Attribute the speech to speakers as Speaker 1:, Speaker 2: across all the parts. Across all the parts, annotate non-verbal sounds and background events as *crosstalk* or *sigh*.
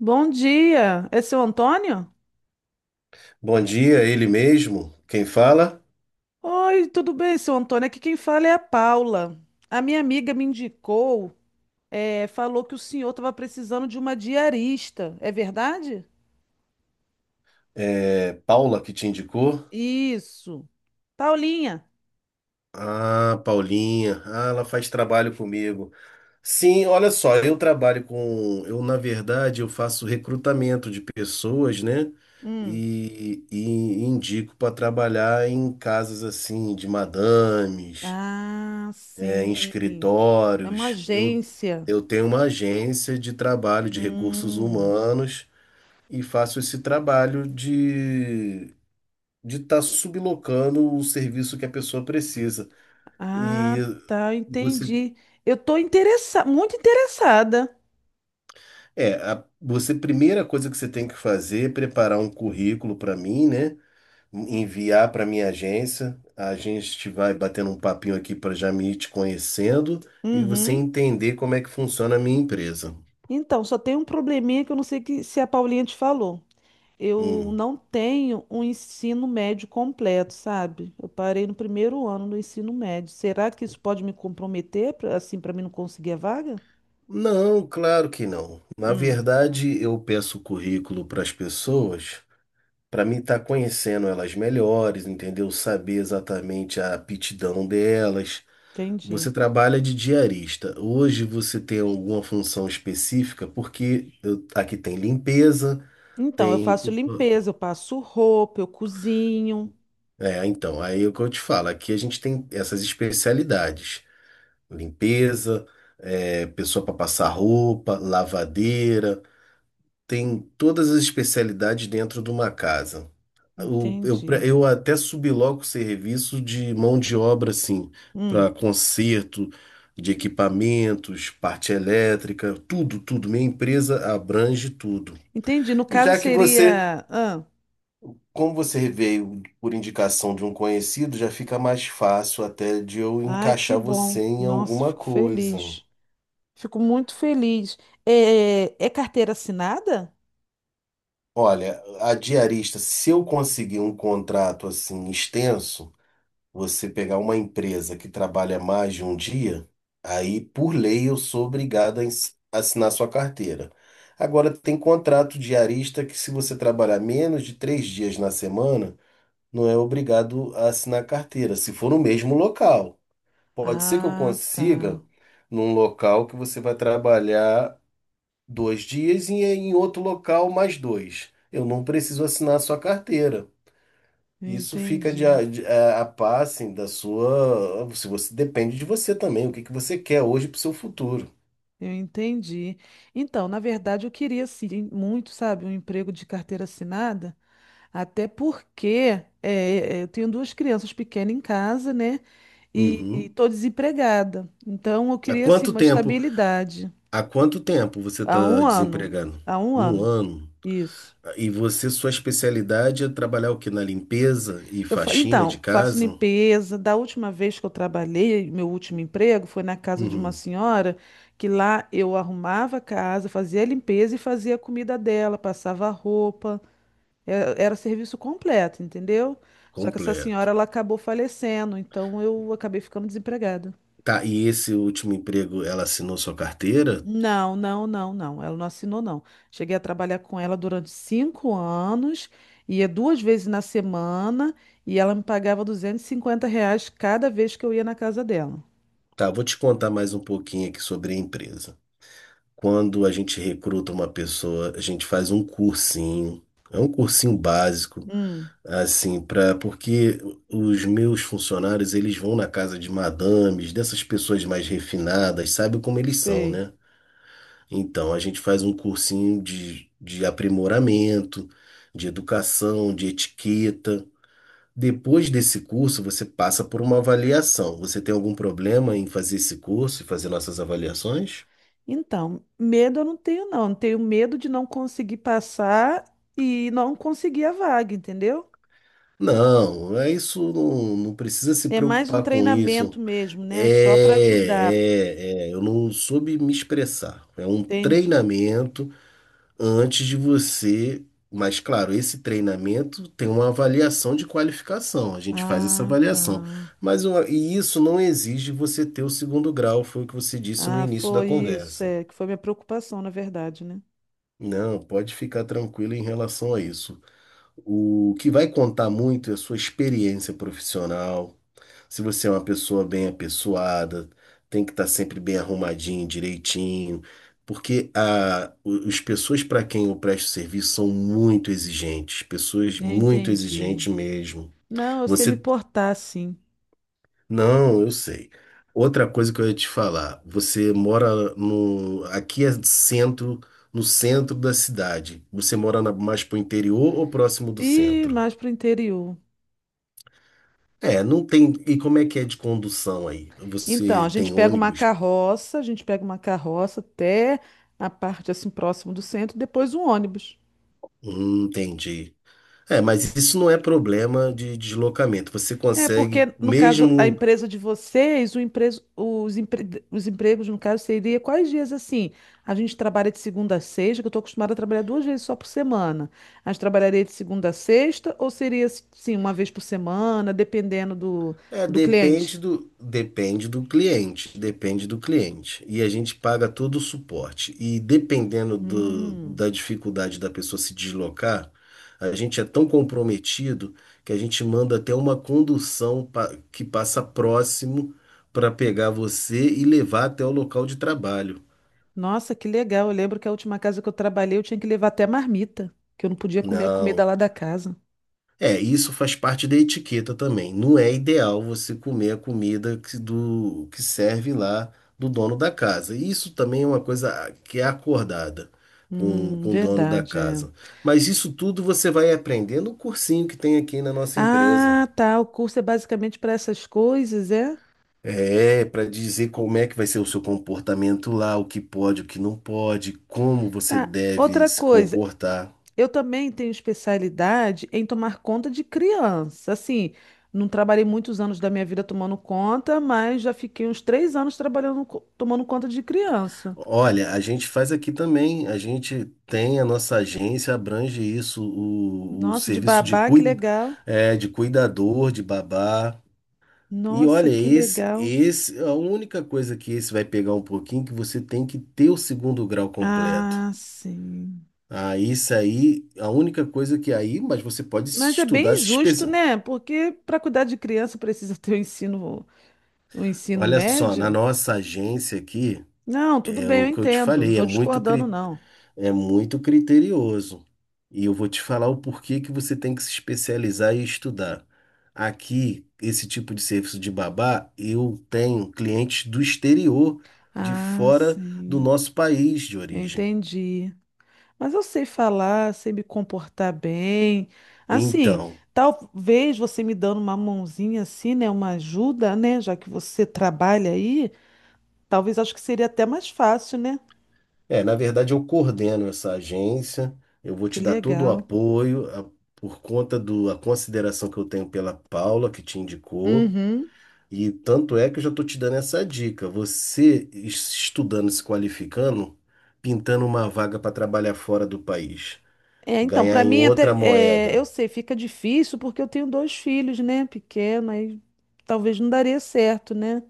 Speaker 1: Bom dia, é seu Antônio?
Speaker 2: Bom dia, ele mesmo. Quem fala?
Speaker 1: Oi, tudo bem, seu Antônio? Aqui quem fala é a Paula. A minha amiga me indicou, falou que o senhor estava precisando de uma diarista, é verdade?
Speaker 2: É Paula que te indicou?
Speaker 1: Isso. Paulinha.
Speaker 2: Ah, Paulinha. Ah, ela faz trabalho comigo. Sim, olha só, eu na verdade eu faço recrutamento de pessoas, né?
Speaker 1: Hum.
Speaker 2: E indico para trabalhar em casas assim de madames,
Speaker 1: Ah,
Speaker 2: é, em
Speaker 1: sim. É uma
Speaker 2: escritórios.
Speaker 1: agência.
Speaker 2: Eu tenho uma agência de trabalho de recursos
Speaker 1: Hum.
Speaker 2: humanos e faço esse trabalho de estar sublocando o serviço que a pessoa precisa. E
Speaker 1: Ah, tá,
Speaker 2: você,
Speaker 1: entendi. Eu estou interessada, muito interessada.
Speaker 2: é, você, primeira coisa que você tem que fazer é preparar um currículo para mim, né? Enviar para minha agência. A gente vai batendo um papinho aqui para já me ir te conhecendo e você
Speaker 1: Uhum.
Speaker 2: entender como é que funciona a minha empresa.
Speaker 1: Então, só tem um probleminha que eu não sei se a Paulinha te falou. Eu
Speaker 2: Hum.
Speaker 1: não tenho um ensino médio completo, sabe? Eu parei no primeiro ano do ensino médio. Será que isso pode me comprometer, assim, para mim não conseguir a vaga?
Speaker 2: Não, claro que não. Na
Speaker 1: Hum,
Speaker 2: verdade, eu peço o currículo para as pessoas para mim estar conhecendo elas melhores, entendeu? Saber exatamente a aptidão delas.
Speaker 1: entendi.
Speaker 2: Você trabalha de diarista. Hoje você tem alguma função específica? Porque aqui tem limpeza,
Speaker 1: Então, eu
Speaker 2: tem.
Speaker 1: faço limpeza, eu passo roupa, eu cozinho.
Speaker 2: É, então, aí é o que eu te falo. Aqui a gente tem essas especialidades: limpeza, é, pessoa para passar roupa, lavadeira. Tem todas as especialidades dentro de uma casa. Eu, eu, pre-
Speaker 1: Entendi.
Speaker 2: eu até subloco serviço de mão de obra, assim, para
Speaker 1: Hum,
Speaker 2: conserto de equipamentos, parte elétrica, tudo, tudo. Minha empresa abrange tudo.
Speaker 1: entendi. No
Speaker 2: E
Speaker 1: caso
Speaker 2: já que você,
Speaker 1: seria. Ah,
Speaker 2: Como você veio por indicação de um conhecido, já fica mais fácil até de eu
Speaker 1: ai, que
Speaker 2: encaixar você
Speaker 1: bom.
Speaker 2: em
Speaker 1: Nossa,
Speaker 2: alguma
Speaker 1: fico
Speaker 2: coisa.
Speaker 1: feliz. Fico muito feliz. É, é carteira assinada?
Speaker 2: Olha, a diarista, se eu conseguir um contrato assim extenso, você pegar uma empresa que trabalha mais de um dia, aí por lei eu sou obrigado a assinar sua carteira. Agora tem contrato diarista que se você trabalhar menos de três dias na semana, não é obrigado a assinar carteira, se for no mesmo local. Pode ser que eu
Speaker 1: Ah, tá.
Speaker 2: consiga num local que você vai trabalhar dois dias e em outro local mais dois. Eu não preciso assinar sua carteira. Isso fica
Speaker 1: Entendi.
Speaker 2: de, a par, assim, da sua. Se você depende de você também, o que que você quer hoje para o seu futuro.
Speaker 1: Eu entendi. Então, na verdade, eu queria sim, muito, sabe, um emprego de carteira assinada, até porque eu tenho duas crianças pequenas em casa, né? E
Speaker 2: Uhum.
Speaker 1: estou desempregada. Então, eu
Speaker 2: Há
Speaker 1: queria assim
Speaker 2: quanto
Speaker 1: uma
Speaker 2: tempo,
Speaker 1: estabilidade.
Speaker 2: há quanto tempo você
Speaker 1: Há
Speaker 2: está
Speaker 1: um ano.
Speaker 2: desempregado?
Speaker 1: Há um
Speaker 2: Um
Speaker 1: ano.
Speaker 2: ano.
Speaker 1: Isso.
Speaker 2: E você, sua especialidade é trabalhar o quê? Na limpeza e faxina de
Speaker 1: Então, faço
Speaker 2: casa?
Speaker 1: limpeza. Da última vez que eu trabalhei, meu último emprego foi na casa de uma
Speaker 2: Uhum.
Speaker 1: senhora que lá eu arrumava a casa, fazia a limpeza e fazia a comida dela, passava a roupa. Era serviço completo, entendeu? Só que essa
Speaker 2: Completo.
Speaker 1: senhora ela acabou falecendo, então eu acabei ficando desempregada.
Speaker 2: Tá, e esse último emprego, ela assinou sua carteira?
Speaker 1: Não, não, não, não. Ela não assinou, não. Cheguei a trabalhar com ela durante 5 anos, ia 2 vezes na semana e ela me pagava R$ 250 cada vez que eu ia na casa dela.
Speaker 2: Tá, vou te contar mais um pouquinho aqui sobre a empresa. Quando a gente recruta uma pessoa, a gente faz um cursinho, é um cursinho básico,
Speaker 1: Hum,
Speaker 2: assim, para porque os meus funcionários, eles vão na casa de madames, dessas pessoas mais refinadas, sabe como eles são,
Speaker 1: sei.
Speaker 2: né? Então, a gente faz um cursinho de aprimoramento, de educação, de etiqueta. Depois desse curso, você passa por uma avaliação. Você tem algum problema em fazer esse curso e fazer nossas avaliações?
Speaker 1: Então, medo eu não tenho, não. Eu tenho medo de não conseguir passar e não conseguir a vaga, entendeu?
Speaker 2: Não, é isso não, não precisa se
Speaker 1: É mais um
Speaker 2: preocupar com isso.
Speaker 1: treinamento mesmo, né? Só para
Speaker 2: É,
Speaker 1: ajudar.
Speaker 2: eu não soube me expressar. É um
Speaker 1: Entendi.
Speaker 2: treinamento antes de você. Mas, claro, esse treinamento tem uma avaliação de qualificação. A gente faz essa
Speaker 1: Ah,
Speaker 2: avaliação.
Speaker 1: tá.
Speaker 2: Mas isso não exige você ter o segundo grau, foi o que você disse no
Speaker 1: Ah,
Speaker 2: início da
Speaker 1: foi isso,
Speaker 2: conversa.
Speaker 1: é, que foi minha preocupação, na verdade, né?
Speaker 2: Não, pode ficar tranquilo em relação a isso. O que vai contar muito é a sua experiência profissional. Se você é uma pessoa bem apessoada, tem que estar sempre bem arrumadinho, direitinho, porque as pessoas para quem eu presto serviço são muito exigentes, pessoas
Speaker 1: Eu
Speaker 2: muito
Speaker 1: entendi.
Speaker 2: exigentes mesmo.
Speaker 1: Não, eu sei me
Speaker 2: Você,
Speaker 1: portar, sim.
Speaker 2: não, eu sei. Outra coisa que eu ia te falar, você mora no, aqui é centro, no centro da cidade. Você mora mais pro interior ou próximo do
Speaker 1: E
Speaker 2: centro?
Speaker 1: mais para o interior.
Speaker 2: É, não tem. E como é que é de condução aí?
Speaker 1: Então,
Speaker 2: Você
Speaker 1: a gente
Speaker 2: tem
Speaker 1: pega uma
Speaker 2: ônibus?
Speaker 1: carroça, a gente pega uma carroça até a parte assim próximo do centro, depois um ônibus.
Speaker 2: Entendi. É, mas isso não é problema de deslocamento. Você
Speaker 1: É,
Speaker 2: consegue,
Speaker 1: porque no caso, a
Speaker 2: mesmo.
Speaker 1: empresa de vocês, o empreso- os, empre- os empregos, no caso, seria quais dias assim? A gente trabalha de segunda a sexta, que eu estou acostumada a trabalhar 2 vezes só por semana. A gente trabalharia de segunda a sexta, ou seria sim, uma vez por semana, dependendo do,
Speaker 2: É,
Speaker 1: do cliente?
Speaker 2: depende do cliente, depende do cliente. E a gente paga todo o suporte. E dependendo
Speaker 1: Hum,
Speaker 2: da dificuldade da pessoa se deslocar, a gente é tão comprometido que a gente manda até uma condução que passa próximo para pegar você e levar até o local de trabalho.
Speaker 1: nossa, que legal. Eu lembro que a última casa que eu trabalhei, eu tinha que levar até marmita, que eu não podia comer a comida
Speaker 2: Não.
Speaker 1: lá da casa.
Speaker 2: É, isso faz parte da etiqueta também. Não é ideal você comer a comida que serve lá do dono da casa. Isso também é uma coisa que é acordada com o dono da
Speaker 1: Verdade, é.
Speaker 2: casa. Mas isso tudo você vai aprender no cursinho que tem aqui na nossa empresa.
Speaker 1: Ah, tá. O curso é basicamente para essas coisas, é?
Speaker 2: É, para dizer como é que vai ser o seu comportamento lá, o que pode, o que não pode, como você
Speaker 1: Tá.
Speaker 2: deve
Speaker 1: Outra
Speaker 2: se
Speaker 1: coisa,
Speaker 2: comportar.
Speaker 1: eu também tenho especialidade em tomar conta de criança. Assim, não trabalhei muitos anos da minha vida tomando conta, mas já fiquei uns 3 anos tomando conta de criança.
Speaker 2: Olha, a gente faz aqui também. A gente tem a nossa agência, abrange isso, o
Speaker 1: Nossa, de
Speaker 2: serviço
Speaker 1: babá, que legal.
Speaker 2: de cuidador, de babá. E
Speaker 1: Nossa,
Speaker 2: olha,
Speaker 1: que legal.
Speaker 2: a única coisa que esse vai pegar um pouquinho, é que você tem que ter o segundo grau completo.
Speaker 1: Ah, sim.
Speaker 2: Ah, isso aí, a única coisa que aí, mas você pode
Speaker 1: Mas é
Speaker 2: estudar,
Speaker 1: bem
Speaker 2: se
Speaker 1: injusto,
Speaker 2: especializar.
Speaker 1: né? Porque para cuidar de criança precisa *laughs* ter o ensino
Speaker 2: Olha só, na
Speaker 1: médio.
Speaker 2: nossa agência aqui,
Speaker 1: Não, tudo
Speaker 2: é
Speaker 1: bem, eu
Speaker 2: o que eu te
Speaker 1: entendo. Não
Speaker 2: falei,
Speaker 1: estou discordando, não.
Speaker 2: é muito criterioso. E eu vou te falar o porquê que você tem que se especializar e estudar. Aqui, esse tipo de serviço de babá, eu tenho clientes do exterior, de
Speaker 1: Ah,
Speaker 2: fora do
Speaker 1: sim.
Speaker 2: nosso país de
Speaker 1: Eu
Speaker 2: origem.
Speaker 1: entendi. Mas eu sei falar, sei me comportar bem. Assim,
Speaker 2: Então,
Speaker 1: talvez você me dando uma mãozinha assim, né? Uma ajuda, né? Já que você trabalha aí, talvez acho que seria até mais fácil, né?
Speaker 2: é, na verdade, eu coordeno essa agência, eu vou
Speaker 1: Que
Speaker 2: te dar todo o
Speaker 1: legal.
Speaker 2: apoio, por conta do, a consideração que eu tenho pela Paula, que te indicou.
Speaker 1: Uhum.
Speaker 2: E tanto é que eu já estou te dando essa dica. Você estudando, se qualificando, pintando uma vaga para trabalhar fora do país,
Speaker 1: É, então,
Speaker 2: ganhar
Speaker 1: para
Speaker 2: em
Speaker 1: mim até,
Speaker 2: outra
Speaker 1: é,
Speaker 2: moeda.
Speaker 1: eu sei, fica difícil porque eu tenho dois filhos, né? Pequeno, aí talvez não daria certo, né?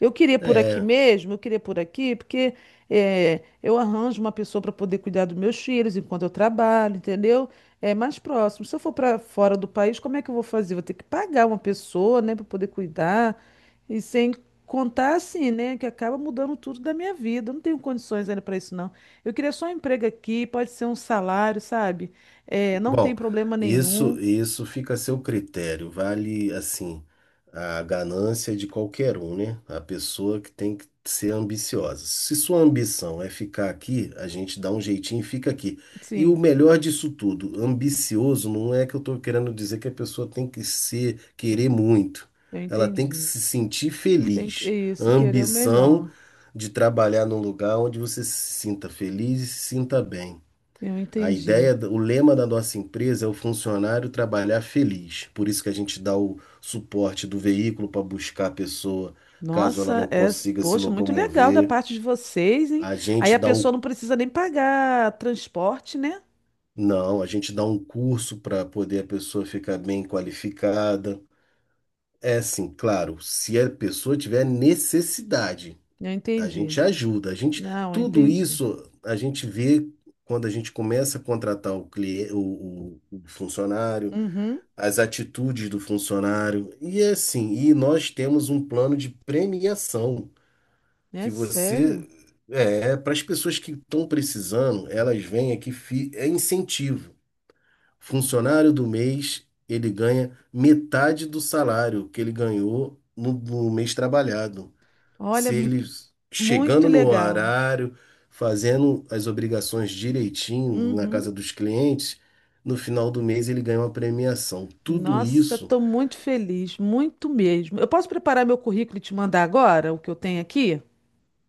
Speaker 1: Eu queria por aqui
Speaker 2: É.
Speaker 1: mesmo, eu queria por aqui, porque eu arranjo uma pessoa para poder cuidar dos meus filhos enquanto eu trabalho, entendeu? É mais próximo. Se eu for para fora do país, como é que eu vou fazer? Vou ter que pagar uma pessoa, né, para poder cuidar. E sem contar assim, né, que acaba mudando tudo da minha vida. Eu não tenho condições ainda para isso, não. Eu queria só um emprego aqui, pode ser um salário, sabe? Não tem
Speaker 2: Bom,
Speaker 1: problema nenhum.
Speaker 2: isso fica a seu critério. Vale assim a ganância de qualquer um, né? A pessoa que tem que ser ambiciosa. Se sua ambição é ficar aqui, a gente dá um jeitinho e fica aqui. E o
Speaker 1: Sim,
Speaker 2: melhor disso tudo, ambicioso não é que eu estou querendo dizer que a pessoa tem que ser querer muito.
Speaker 1: eu
Speaker 2: Ela tem que
Speaker 1: entendi.
Speaker 2: se sentir
Speaker 1: Tem que, é
Speaker 2: feliz. A
Speaker 1: isso, querer o
Speaker 2: ambição
Speaker 1: melhor.
Speaker 2: de trabalhar num lugar onde você se sinta feliz e se sinta bem.
Speaker 1: Eu
Speaker 2: A
Speaker 1: entendi.
Speaker 2: ideia, o lema da nossa empresa é o funcionário trabalhar feliz. Por isso que a gente dá o suporte do veículo para buscar a pessoa, caso ela não
Speaker 1: Nossa, é,
Speaker 2: consiga se
Speaker 1: poxa, muito legal da
Speaker 2: locomover.
Speaker 1: parte de vocês, hein?
Speaker 2: A
Speaker 1: Aí
Speaker 2: gente
Speaker 1: a
Speaker 2: dá
Speaker 1: pessoa
Speaker 2: o,
Speaker 1: não precisa nem pagar transporte, né?
Speaker 2: não, a gente dá um curso para poder a pessoa ficar bem qualificada. É assim, claro, se a pessoa tiver necessidade,
Speaker 1: Eu
Speaker 2: a
Speaker 1: entendi.
Speaker 2: gente ajuda.
Speaker 1: Não, eu
Speaker 2: Tudo
Speaker 1: entendi.
Speaker 2: isso a gente vê quando a gente começa a contratar o cliente, o funcionário,
Speaker 1: Uhum.
Speaker 2: as atitudes do funcionário. E é assim, e nós temos um plano de premiação
Speaker 1: É
Speaker 2: que
Speaker 1: sério?
Speaker 2: você é é para as pessoas que estão precisando, elas vêm aqui, é incentivo. Funcionário do mês, ele ganha metade do salário que ele ganhou no mês trabalhado.
Speaker 1: Olha,
Speaker 2: Se ele
Speaker 1: muito
Speaker 2: chegando no
Speaker 1: legal.
Speaker 2: horário, fazendo as obrigações direitinho na
Speaker 1: Uhum.
Speaker 2: casa dos clientes, no final do mês ele ganha uma premiação. Tudo
Speaker 1: Nossa,
Speaker 2: isso.
Speaker 1: estou muito feliz, muito mesmo. Eu posso preparar meu currículo e te mandar agora o que eu tenho aqui?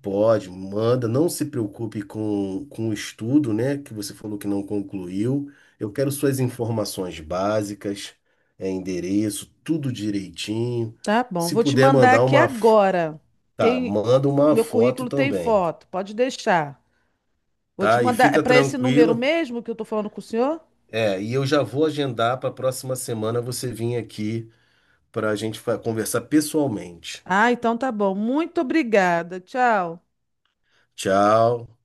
Speaker 2: Pode, manda, não se preocupe com o estudo, né, que você falou que não concluiu. Eu quero suas informações básicas, é, endereço, tudo direitinho.
Speaker 1: Tá bom,
Speaker 2: Se
Speaker 1: vou te
Speaker 2: puder
Speaker 1: mandar
Speaker 2: mandar
Speaker 1: aqui agora. Tem
Speaker 2: manda uma
Speaker 1: meu
Speaker 2: foto
Speaker 1: currículo tem
Speaker 2: também,
Speaker 1: foto, pode deixar. Vou te
Speaker 2: tá? E
Speaker 1: mandar, é
Speaker 2: fica
Speaker 1: para esse número
Speaker 2: tranquila.
Speaker 1: mesmo que eu tô falando com o senhor?
Speaker 2: É, e eu já vou agendar para a próxima semana você vir aqui para a gente conversar pessoalmente.
Speaker 1: Ah, então tá bom. Muito obrigada. Tchau.
Speaker 2: Tchau.